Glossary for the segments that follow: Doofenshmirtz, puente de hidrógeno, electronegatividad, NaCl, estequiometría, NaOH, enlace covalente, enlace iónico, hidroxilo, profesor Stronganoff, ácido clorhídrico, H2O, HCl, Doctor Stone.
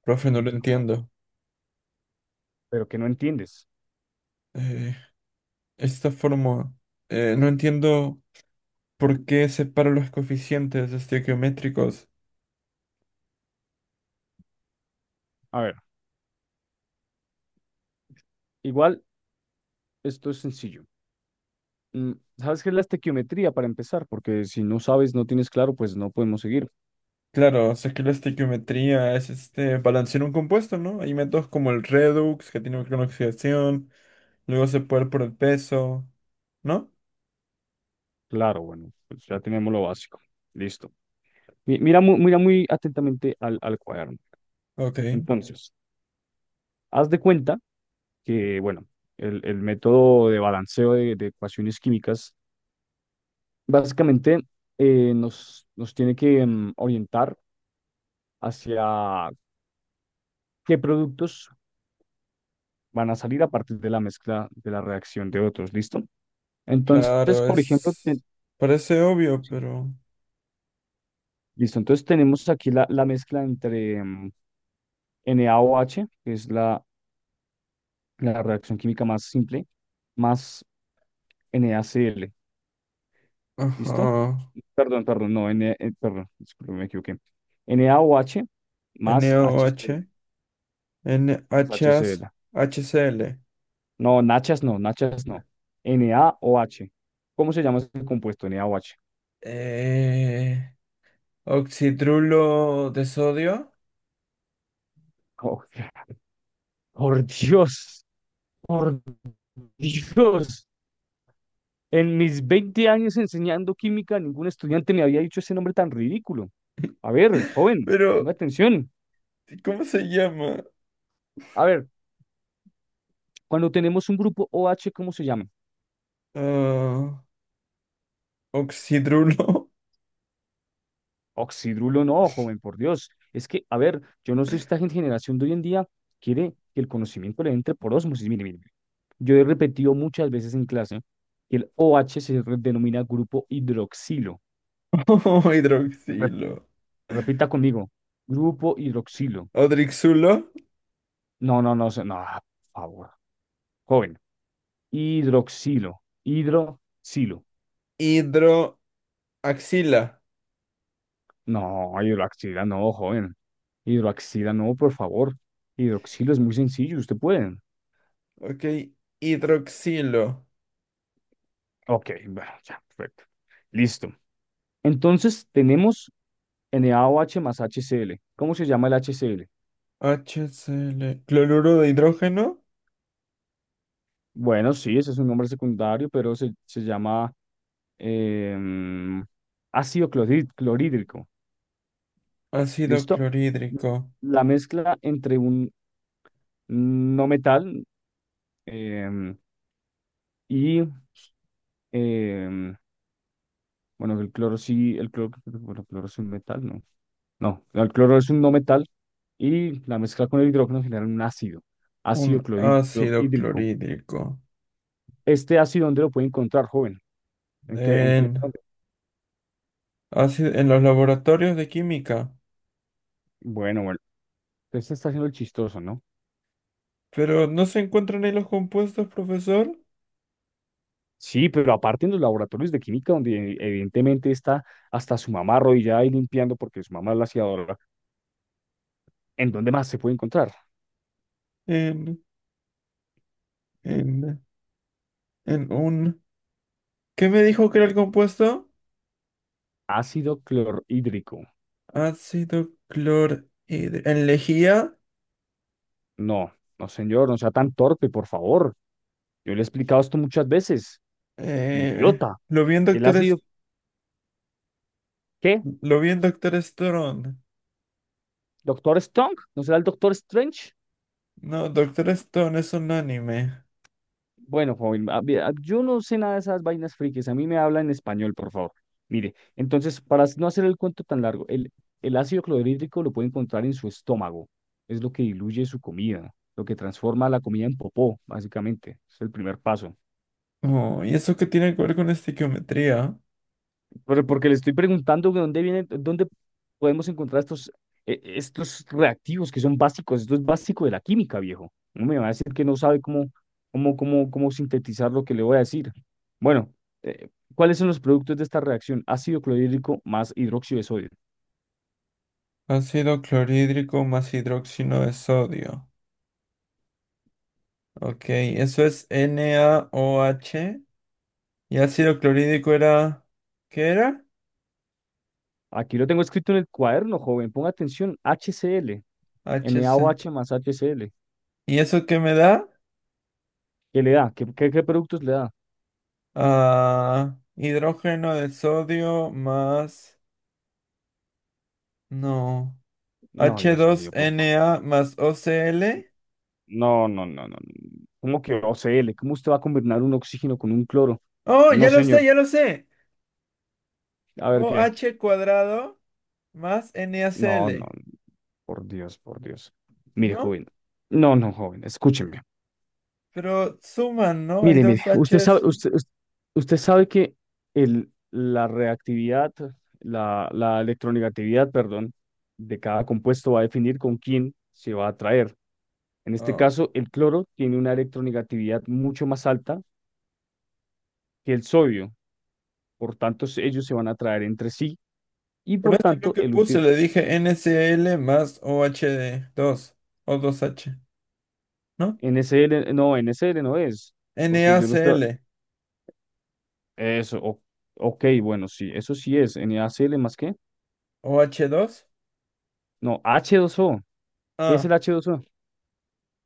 Profe, no lo Bueno, entiendo. pero que no entiendes. Eh, esta forma, no entiendo por qué separo los coeficientes estequiométricos. A ver, igual esto es sencillo. Mm, ¿Sabes qué es la estequiometría para empezar? Porque si no sabes, no tienes claro, pues no podemos seguir. Claro, sé que la estequiometría es este balancear un compuesto, ¿no? Hay métodos como el redox, que tiene una oxidación, luego se puede ir por el peso, ¿no? Claro, bueno, pues ya tenemos lo básico. Listo. Mira, mira muy atentamente al cuaderno. Ok, Entonces, haz de cuenta que, bueno, el método de balanceo de ecuaciones químicas básicamente nos tiene que orientar hacia qué productos van a salir a partir de la mezcla de la reacción de otros, ¿listo? Entonces, claro, por ejemplo, es. Parece obvio, sí, pero. listo, entonces tenemos aquí la mezcla entre NaOH, que es la reacción química más simple, más NaCl, Ajá. ¿listo? Perdón, perdón, no, perdón, disculpe, me equivoqué. NaOH más HCl, NaOH, más NHAs, HCl. HCl. No, nachas no, nachas no. NaOH. ¿Cómo se llama ese compuesto? NaOH. Eh... Oxidrulo de sodio. Oh, por Dios. Por Dios, en mis 20 años enseñando química, ningún estudiante me había dicho ese nombre tan ridículo. A ver, joven, ponga Pero, atención. ¿cómo se llama? A ver, cuando tenemos un grupo OH, ¿cómo se llama? Ah, oxidrulo. Oxidrulo no, joven, por Dios. Es que, a ver, yo no sé, si esta generación de hoy en día quiere que el conocimiento le entre por ósmosis. Mire, mire, mire. Yo he repetido muchas veces en clase que el OH se denomina grupo hidroxilo. O Rep- hidroxilo. repita conmigo, grupo hidroxilo. Odrixulo. No, no, no, no, por favor. Joven, hidroxilo. Hidroxilo. Hidroaxila. No, hidroxila no, joven. Hidroxila no, por favor. Hidroxilo es muy sencillo, usted puede. Ok. Hidroxilo. Ok, bueno, ya, perfecto. Listo. Entonces tenemos NaOH más HCl. ¿Cómo se llama el HCl? HCl. Cloruro de hidrógeno. Bueno, sí, ese es un nombre secundario, pero se llama em, ácido clorhídrico. Ácido ¿Listo? clorhídrico. La mezcla entre un no metal em, y Em, bueno, el cloro sí, el cloro, bueno, el cloro es un metal, ¿no? No, el cloro es un no metal y la mezcla con el hidrógeno genera un ácido, ácido Un clorhí- ácido clorhídrico. clorhídrico. Este ácido, ¿dónde lo puede encontrar, joven? ¿En qué, en qué? En, ¿Dónde? ácido- en los laboratorios de química. Bueno, bueno, usted se está haciendo el chistoso, ¿no? Pero no se encuentran ahí los compuestos, profesor. Sí, pero aparte en los laboratorios de química, donde evidentemente está hasta su mamá arrodillada y limpiando porque su mamá es la aseadora, ¿en dónde más se puede encontrar? En, en, en un. ¿Qué me dijo que era el compuesto? Ácido clorhídrico. Ácido clorhidro... En lejía. No, no, señor, no sea tan torpe, por favor. Yo le he explicado esto muchas veces. Idiota. Lo vi en Él ha Doctor... sido, ¿qué? Lo vi en Doctor Stone. ¿Doctor Strong? ¿No será el Doctor Strange? No, Doctor Stone es un anime. Bueno, joven, yo no sé nada de esas vainas frikis. A mí me habla en español, por favor. Mire, entonces, para no hacer el cuento tan largo, el ácido clorhídrico lo puede encontrar en su estómago. Es lo que diluye su comida, lo que transforma la comida en popó, básicamente. Es el primer paso. Oh, ¿y eso qué tiene que ver con estequiometría? Pero porque le estoy preguntando de dónde vienen, dónde podemos encontrar estos reactivos que son básicos. Esto es básico de la química, viejo. No me va a decir que no sabe cómo, cómo sintetizar lo que le voy a decir. Bueno, eh, ¿cuáles son los productos de esta reacción? Ácido clorhídrico más hidróxido de sodio. Ácido clorhídrico más hidróxido de sodio. Ok, eso es NaOH. Y ácido clorhídrico era. ¿Qué era? Aquí lo tengo escrito en el cuaderno, joven. Ponga atención, HCl, HC. NaOH más HCl. ¿Y eso qué me da? ¿Qué le da? ¿Qué productos le da? Ah, hidrógeno de sodio más. No. No, Dios mío, por favor. H2Na más O C l. No, no, no, no. ¿Cómo que OCL? ¿Cómo usted va a combinar un oxígeno con un cloro? Oh, No, ya lo sé, señor. ya lo sé. A ver qué. OH cuadrado más No, no, NaCl. por Dios, por Dios. Mire, ¿No? joven. No, no, joven, escúcheme. Pero suman, ¿no? Hay Mire, mire, dos usted sabe, Hs. Usted sabe que el, la reactividad, la electronegatividad, perdón, de cada compuesto va a definir con quién se va a atraer. En este Ah, caso, el cloro tiene una electronegatividad mucho más alta que el sodio. Por tanto, ellos se van a atraer entre sí. Y por por eso es lo tanto, que el puse. último, Le dije NCl más oh dos o dos H, ¿no? NSL, no, NSL no es, porque yo no estoy, NaCl. eso, ok, bueno, sí, eso sí es, NaCl más qué, Oh dos. no, H2O, ¿qué es el Ah. H2O?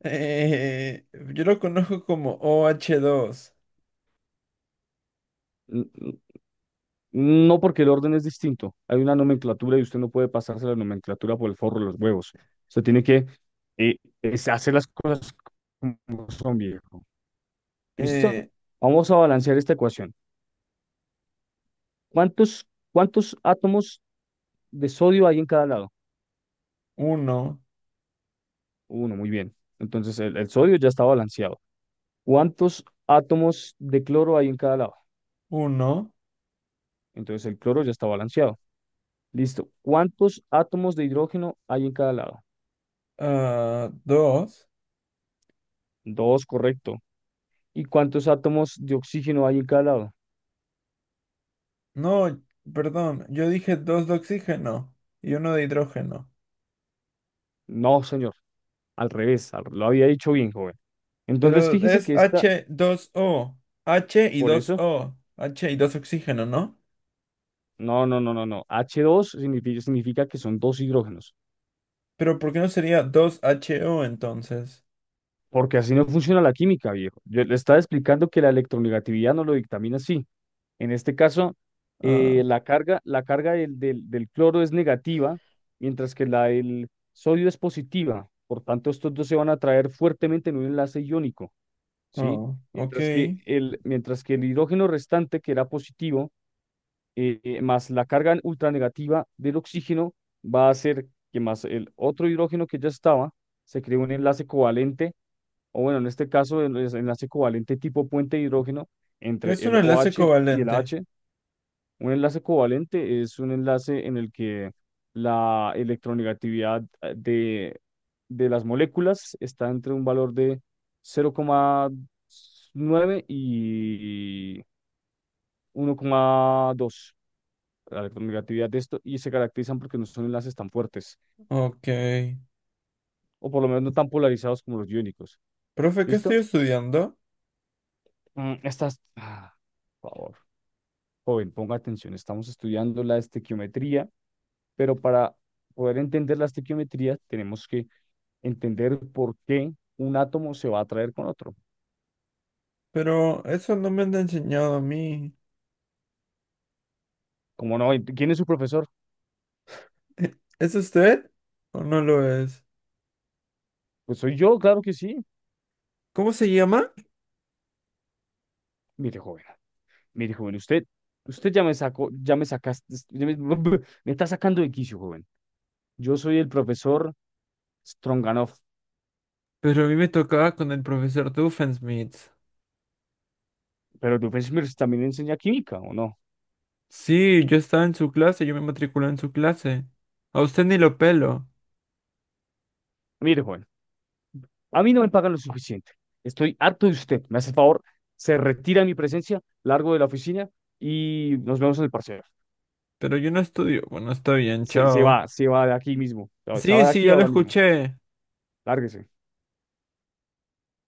eh, yo lo conozco como oh dos. N- n- No, porque el orden es distinto, hay una nomenclatura y usted no puede pasarse la nomenclatura por el forro de los huevos, usted tiene que eh, es hacer las cosas como son, viejo. ¿Listo? eh, Vamos a balancear esta ecuación. ¿Cuántos, cuántos átomos de sodio hay en cada lado? uno, Uno, muy bien. Entonces el sodio ya está balanceado. ¿Cuántos átomos de cloro hay en cada lado? uno, Entonces el cloro ya está balanceado. Listo. ¿Cuántos átomos de hidrógeno hay en cada lado? ah, dos. Dos, correcto. ¿Y cuántos átomos de oxígeno hay en cada lado? No, perdón, yo dije dos de oxígeno y uno de hidrógeno. No, señor. Al revés. Lo había dicho bien, joven. Entonces Pero fíjese es que esta, h dos o H y por 2 eso, o H y dos oxígeno, ¿no? no, no, no, no, no. H dos significa que son dos hidrógenos. Pero ¿por qué no sería dos H O entonces? Porque así no funciona la química, viejo. Yo le estaba explicando que la electronegatividad no lo dictamina así. En este caso, Ah, la carga del cloro es negativa, mientras que la del sodio es positiva. Por tanto, estos dos se van a atraer fuertemente en un enlace iónico, ¿sí? oh, ok. ¿Qué Mientras que el hidrógeno restante, que era positivo, más la carga ultranegativa del oxígeno, va a hacer que más el otro hidrógeno que ya estaba, se cree un enlace covalente, o bueno, en este caso, el enlace covalente tipo puente de hidrógeno entre es un el enlace OH y el covalente? H, un enlace covalente es un enlace en el que la electronegatividad de las moléculas está entre un valor de 0,9 y 1,2. La electronegatividad de esto y se caracterizan porque no son enlaces tan fuertes Ok. o por lo menos no tan polarizados como los iónicos. Profe, ¿qué estoy ¿Listo? estudiando? Mm, Estas, ah, por favor, joven, ponga atención. Estamos estudiando la estequiometría, pero para poder entender la estequiometría tenemos que entender por qué un átomo se va a atraer con otro. Pero eso no me han enseñado a mí. ¿Cómo no? ¿Quién es su profesor? ¿Es usted o no lo es? Pues soy yo, claro que sí. ¿Cómo se llama? Mire, joven, mire, joven, usted ya me sacó, ya me sacaste, me está sacando de quicio, joven. Yo soy el profesor Stronganoff, Pero a mí me tocaba con el profesor Doofenshmirtz. pero el profesor Smith también enseña química, ¿o no? Sí, yo estaba en su clase, yo me matriculé en su clase. A usted ni lo pelo, Mire, joven, a mí no me pagan lo suficiente. Estoy harto de usted. Me hace el favor, se retira de mi presencia, largo de la oficina y nos vemos en el parcial. pero yo no estudio. Bueno, está bien, Se, se chao. va, se va de aquí mismo. Se Sí, va de sí, aquí ya lo ahora mismo. escuché. Lárguese.